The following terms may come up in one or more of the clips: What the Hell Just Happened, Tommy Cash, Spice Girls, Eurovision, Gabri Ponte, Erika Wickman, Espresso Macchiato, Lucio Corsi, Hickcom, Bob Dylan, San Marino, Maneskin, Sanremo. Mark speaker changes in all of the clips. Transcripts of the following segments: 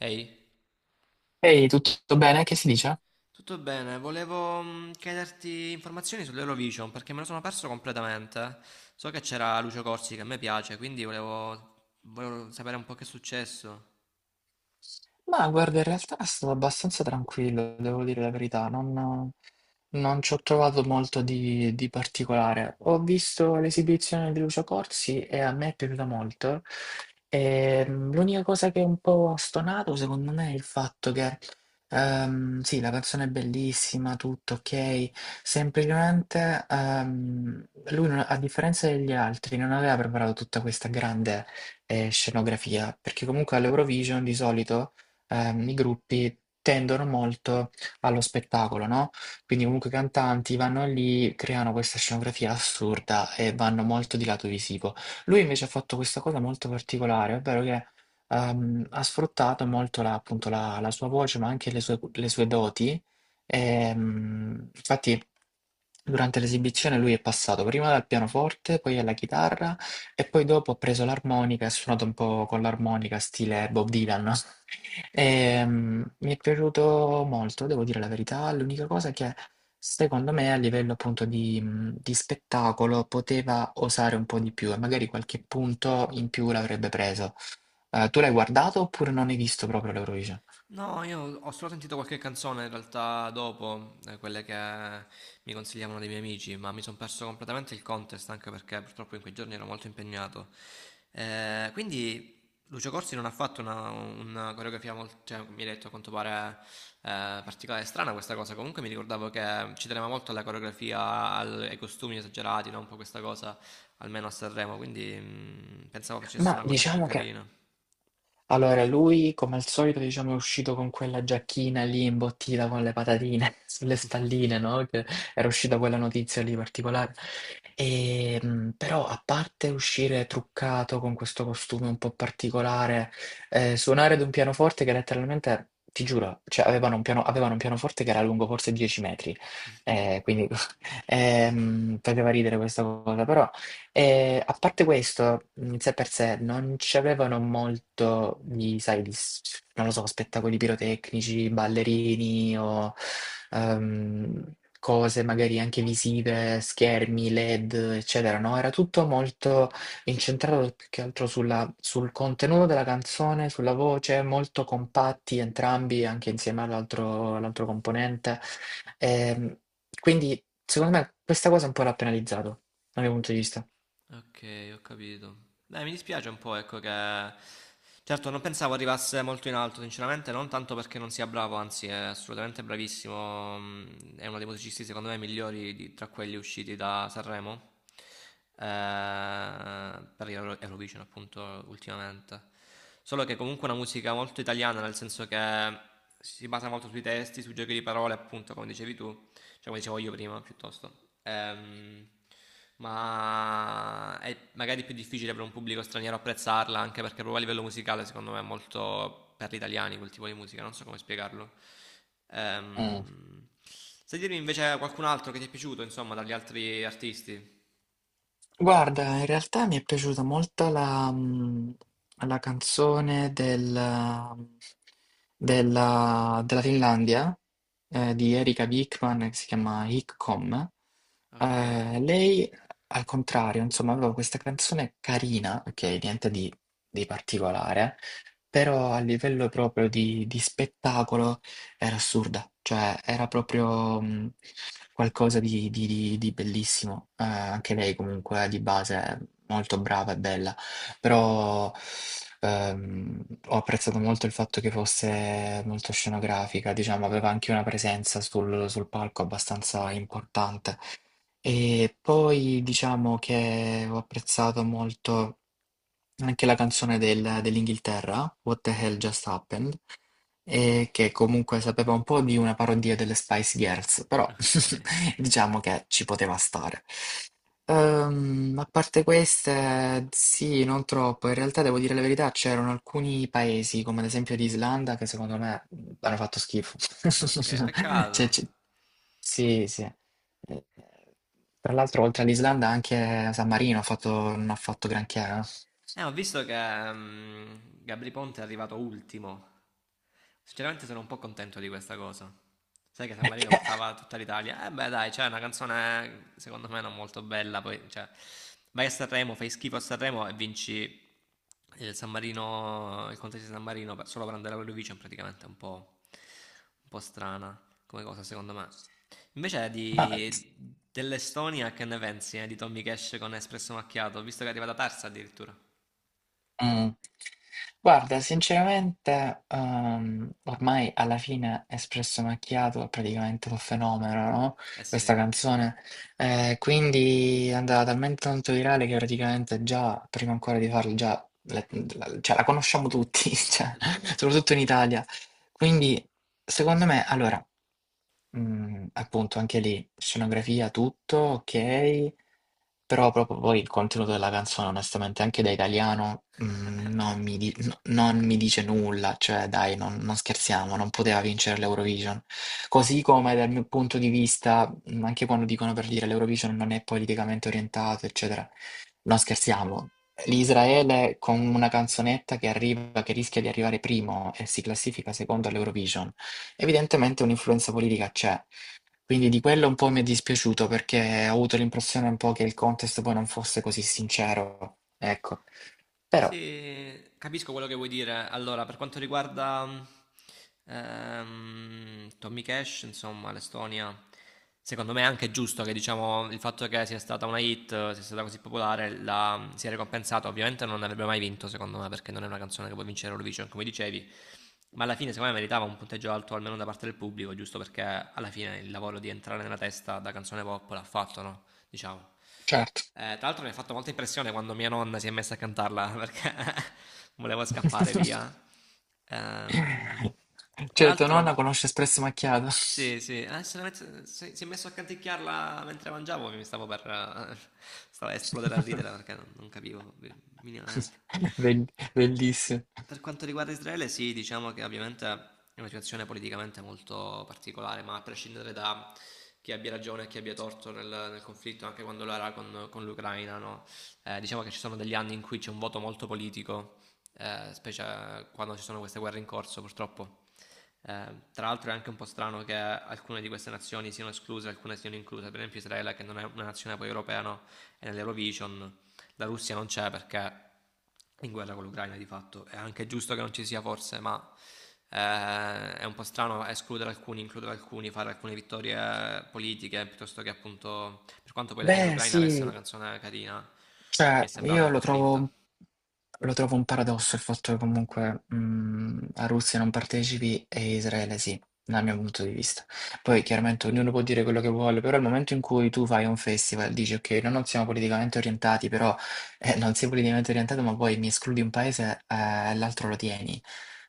Speaker 1: Ehi,
Speaker 2: Ehi, tutto bene? Che si dice?
Speaker 1: tutto bene? Volevo chiederti informazioni sull'Eurovision perché me lo sono perso completamente. So che c'era Lucio Corsi che a me piace, quindi volevo sapere un po' che è successo.
Speaker 2: Ma guarda, in realtà è stato abbastanza tranquillo, devo dire la verità, non ci ho trovato molto di particolare. Ho visto l'esibizione di Lucio Corsi e a me è piaciuta molto. L'unica cosa che è un po' stonato, secondo me, è il fatto che, sì, la canzone è bellissima, tutto ok, semplicemente lui, a differenza degli altri, non aveva preparato tutta questa grande scenografia, perché comunque all'Eurovision di solito i gruppi tendono molto allo spettacolo, no? Quindi comunque i cantanti vanno lì, creano questa scenografia assurda e vanno molto di lato visivo. Lui invece ha fatto questa cosa molto particolare, ovvero che ha sfruttato molto appunto la sua voce, ma anche le sue doti. Infatti, durante l'esibizione lui è passato prima dal pianoforte, poi alla chitarra e poi dopo ha preso l'armonica e ha suonato un po' con l'armonica, stile Bob Dylan. Mi è piaciuto molto, devo dire la verità. L'unica cosa che secondo me a livello appunto di spettacolo poteva osare un po' di più e magari qualche punto in più l'avrebbe preso. Tu l'hai guardato oppure non hai visto proprio l'Eurovision?
Speaker 1: No, io ho solo sentito qualche canzone in realtà dopo, quelle che mi consigliavano dei miei amici, ma mi sono perso completamente il contest anche perché purtroppo in quei giorni ero molto impegnato. Quindi Lucio Corsi non ha fatto una coreografia molto, cioè, mi hai detto a quanto pare particolare e strana questa cosa, comunque mi ricordavo che ci teneva molto alla coreografia, ai costumi esagerati, no? Un po' questa cosa, almeno a Sanremo, quindi pensavo facesse
Speaker 2: Ma
Speaker 1: una cosa più
Speaker 2: diciamo che
Speaker 1: carina.
Speaker 2: Allora, lui come al solito, diciamo, è uscito con quella giacchina lì imbottita con le patatine sulle spalline, no? Che era uscita quella notizia lì particolare. Però, a parte uscire truccato con questo costume un po' particolare, suonare ad un pianoforte che letteralmente, ti giuro, cioè, avevano un avevano un pianoforte che era lungo forse 10 metri, eh, quindi faceva ridere questa cosa, però. E a parte questo, in sé per sé, non c'avevano molto di, sai, non lo so, spettacoli pirotecnici, ballerini o ehm, cose magari anche visive, schermi, LED, eccetera, no? Era tutto molto incentrato più che altro sul contenuto della canzone, sulla voce, molto compatti entrambi, anche insieme all'altro componente. Ehm, quindi, secondo me, questa cosa un po' l'ha penalizzato, dal mio punto di vista.
Speaker 1: Ok, ho capito. Dai, mi dispiace un po', ecco che... Certo, non pensavo arrivasse molto in alto, sinceramente, non tanto perché non sia bravo, anzi è assolutamente bravissimo, è uno dei musicisti secondo me migliori tra quelli usciti da Sanremo, eh, per Eurovision appunto ultimamente. Solo che comunque è una musica molto italiana, nel senso che si basa molto sui testi, sui giochi di parole, appunto, come dicevi tu, cioè come dicevo io prima piuttosto. Ehm, ma è magari più difficile per un pubblico straniero apprezzarla, anche perché proprio a livello musicale secondo me è molto per gli italiani quel tipo di musica, non so come spiegarlo.
Speaker 2: Mm.
Speaker 1: Ehm, Sai dirmi invece qualcun altro che ti è piaciuto, insomma, dagli altri artisti?
Speaker 2: Guarda, in realtà mi è piaciuta molto la canzone mm, della Finlandia di Erika Wickman che si chiama Hickcom.
Speaker 1: Ok,
Speaker 2: Lei, al contrario, insomma, aveva questa canzone carina, ok, niente di particolare, però a livello proprio di spettacolo era assurda, cioè era proprio, mhmm, qualcosa di bellissimo. Anche lei comunque di base è molto brava e bella, però, ho apprezzato molto il fatto che fosse molto scenografica, diciamo, aveva anche una presenza sul palco abbastanza importante. E poi diciamo che ho apprezzato molto anche la canzone dell'Inghilterra, What the Hell Just Happened, e che comunque sapeva un po' di una parodia delle Spice Girls, però
Speaker 1: ok,
Speaker 2: diciamo che ci poteva stare. A parte queste, sì, non troppo. In realtà, devo dire la verità, c'erano alcuni paesi, come ad esempio l'Islanda, che secondo me hanno fatto schifo.
Speaker 1: ok,
Speaker 2: Cioè,
Speaker 1: peccato.
Speaker 2: c- sì, sì. Tra l'altro, oltre all'Islanda, anche San Marino non ha fatto granché.
Speaker 1: Ho visto che mm, Gabri Ponte è arrivato ultimo. Sinceramente sono un po' contento di questa cosa. Sai che San Marino
Speaker 2: Eh.
Speaker 1: portava tutta l'Italia. Eh beh, dai, c'è una canzone secondo me non molto bella, poi cioè, vai a Sanremo, fai schifo a Sanremo e vinci il San Marino, il contesto di San Marino solo per andare all'Eurovision praticamente è un po' strana come cosa secondo me. Invece
Speaker 2: Ma, z-
Speaker 1: di, dell'Estonia che ne pensi di Tommy Cash con Espresso Macchiato, visto che è arrivata terza addirittura?
Speaker 2: mm, Guarda, sinceramente, ormai alla fine Espresso Macchiato è praticamente un fenomeno, no?
Speaker 1: Eh sì,
Speaker 2: Questa canzone. Quindi è andata talmente tanto virale che praticamente già, prima ancora di farlo, cioè, la conosciamo tutti, cioè,
Speaker 1: esatto.
Speaker 2: soprattutto in Italia. Quindi, secondo me, allora, appunto, anche lì, scenografia, tutto, ok. Però proprio poi il contenuto della canzone, onestamente, anche da italiano, non mi non mi dice nulla, cioè dai, non scherziamo, non poteva vincere l'Eurovision. Così come dal mio punto di vista, anche quando dicono per dire l'Eurovision non è politicamente orientato, eccetera, non scherziamo. L'Israele con una canzonetta che arriva, che rischia di arrivare primo e si classifica secondo all'Eurovision, evidentemente un'influenza politica c'è. Quindi di quello un po' mi è dispiaciuto perché ho avuto l'impressione un po' che il contest poi non fosse così sincero. Ecco, però,
Speaker 1: Sì, capisco quello che vuoi dire. Allora, per quanto riguarda Tommy Cash, insomma, l'Estonia, secondo me è anche giusto che diciamo il fatto che sia stata una hit, sia stata così popolare, la, sia ricompensata. Ovviamente non avrebbe mai vinto, secondo me, perché non è una canzone che può vincere Eurovision, come dicevi. Ma alla fine, secondo me, meritava un punteggio alto almeno da parte del pubblico, giusto perché alla fine il lavoro di entrare nella testa da canzone pop l'ha fatto, no? diciamo.
Speaker 2: certo.
Speaker 1: Tra l'altro mi ha fatto molta impressione quando mia nonna si è messa a cantarla perché volevo scappare via. Ehm, Tra
Speaker 2: Cioè, tua nonna
Speaker 1: l'altro,
Speaker 2: conosce Espresso Macchiato.
Speaker 1: sì, sì, se la met- se- si è messo a canticchiarla mentre mangiavo, mi stavo per stavo a esplodere a ridere perché non capivo minimamente.
Speaker 2: Bell- Bellissimo.
Speaker 1: Per quanto riguarda Israele, sì, diciamo che ovviamente è una situazione politicamente molto particolare, ma a prescindere da chi abbia ragione e chi abbia torto nel conflitto, anche quando lo era con l'Ucraina, no? Diciamo che ci sono degli anni in cui c'è un voto molto politico, specie quando ci sono queste guerre in corso, purtroppo. Tra l'altro è anche un po' strano che alcune di queste nazioni siano escluse, alcune siano incluse, per esempio Israele che non è una nazione poi europea, no? È nell'Eurovision, la Russia non c'è perché è in guerra con l'Ucraina di fatto, è anche giusto che non ci sia forse, ma è un po' strano escludere alcuni, includere alcuni, fare alcune vittorie politiche, piuttosto che appunto, per quanto poi alla fine
Speaker 2: Beh,
Speaker 1: l'Ucraina avesse
Speaker 2: sì,
Speaker 1: una canzone carina, mi è
Speaker 2: Cioè,
Speaker 1: sembrata
Speaker 2: io
Speaker 1: un
Speaker 2: lo
Speaker 1: po' spinta.
Speaker 2: trovo, lo trovo un paradosso il fatto che comunque la Russia non partecipi e Israele sì, dal mio punto di vista. Poi chiaramente ognuno può dire quello che vuole, però al momento in cui tu fai un festival, dici ok, noi non siamo politicamente orientati, però non sei politicamente orientato, ma poi mi escludi un paese e l'altro lo tieni.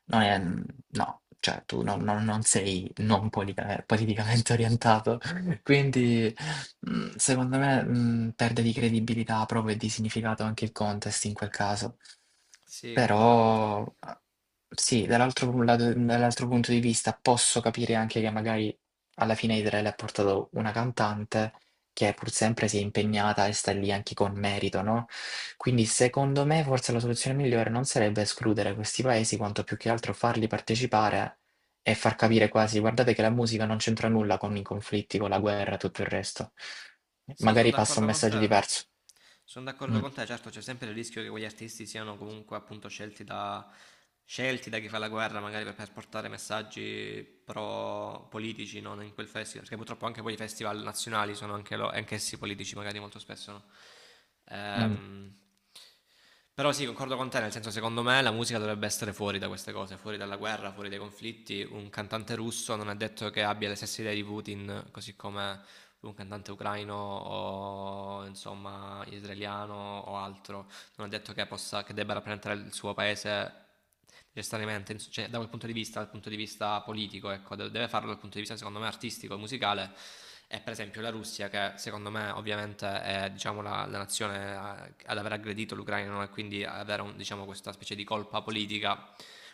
Speaker 2: Non è, no, cioè tu non sei non politica- politicamente orientato. Quindi, mhmm, secondo me, mhmm, perde di credibilità proprio e di significato anche il contest in quel caso.
Speaker 1: Sì, concordo con te.
Speaker 2: Però, a sì, dall'altro pu lato dall'altro punto di vista posso capire anche che magari alla fine Israele ha portato una cantante che pur sempre si è impegnata e sta lì anche con merito, no, quindi secondo me forse la soluzione migliore non sarebbe escludere questi paesi, quanto più che altro farli partecipare e far capire quasi, guardate che la musica non c'entra nulla con i conflitti, con la guerra, e tutto il resto.
Speaker 1: Sì, sono
Speaker 2: Magari passa un
Speaker 1: d'accordo con
Speaker 2: messaggio
Speaker 1: te.
Speaker 2: diverso.
Speaker 1: Sono d'accordo
Speaker 2: Mm,
Speaker 1: con te, certo c'è sempre il rischio che quegli artisti siano comunque appunto scelti da chi fa la guerra, magari per portare messaggi pro politici, no? In quel festival, perché purtroppo anche poi i festival nazionali sono anche anch'essi politici, magari molto spesso, no?
Speaker 2: mm.
Speaker 1: Ehm, Però sì, concordo con te, nel senso secondo me la musica dovrebbe essere fuori da queste cose, fuori dalla guerra, fuori dai conflitti. Un cantante russo non è detto che abbia le stesse idee di Putin, così come un cantante ucraino o insomma israeliano o altro, non è detto che, possa, che debba rappresentare il suo paese necessariamente, cioè, da quel punto di vista, dal punto di vista politico, ecco, deve farlo dal punto di vista secondo me artistico e musicale. E per esempio la Russia, che secondo me ovviamente è diciamo, la nazione ad aver aggredito l'Ucraina no? e quindi avere diciamo, questa specie di colpa politica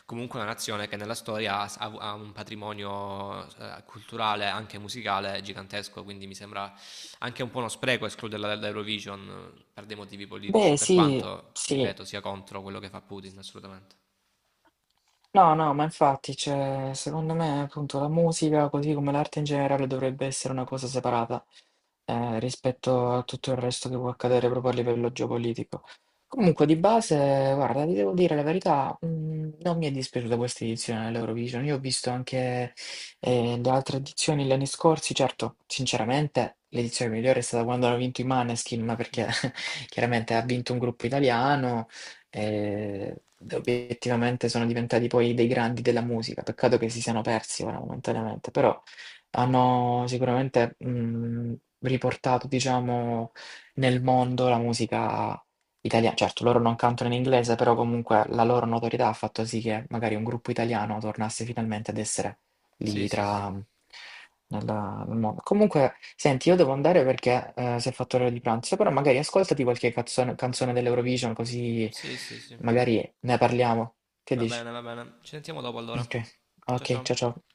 Speaker 1: comunque una nazione che nella storia ha un patrimonio culturale, anche musicale, gigantesco, quindi mi sembra anche un po' uno spreco escluderla dall'Eurovision per dei motivi politici,
Speaker 2: Beh,
Speaker 1: per
Speaker 2: sì,
Speaker 1: quanto, ti
Speaker 2: sì.
Speaker 1: ripeto, sia contro quello che fa Putin, assolutamente.
Speaker 2: No, no, ma infatti, cioè, secondo me, appunto, la musica, così come l'arte in generale, dovrebbe essere una cosa separata, rispetto a tutto il resto che può accadere proprio a livello geopolitico. Comunque, di base, guarda, ti devo dire la verità, non mi è dispiaciuta questa edizione dell'Eurovision. Io ho visto anche, le altre edizioni gli anni scorsi, certo, sinceramente, l'edizione migliore è stata quando hanno vinto i Maneskin, ma perché chiaramente ha vinto un gruppo italiano e obiettivamente sono diventati poi dei grandi della musica. Peccato che si siano persi ora momentaneamente, però hanno sicuramente riportato, diciamo, nel mondo la musica italiana. Certo, loro non cantano in inglese, però comunque la loro notorietà ha fatto sì che magari un gruppo italiano tornasse finalmente ad essere
Speaker 1: Sì,
Speaker 2: lì
Speaker 1: sì, sì,
Speaker 2: tra nel mondo. Comunque, senti, io devo andare perché si è fatto l'ora di pranzo, però magari ascoltati qualche canzone dell'Eurovision, così
Speaker 1: sì, sì, sì.
Speaker 2: magari ne parliamo. Che
Speaker 1: Va
Speaker 2: dici?
Speaker 1: bene, va bene. Ci sentiamo dopo allora.
Speaker 2: Ok,
Speaker 1: Ciao
Speaker 2: ok,
Speaker 1: ciao.
Speaker 2: ciao ciao.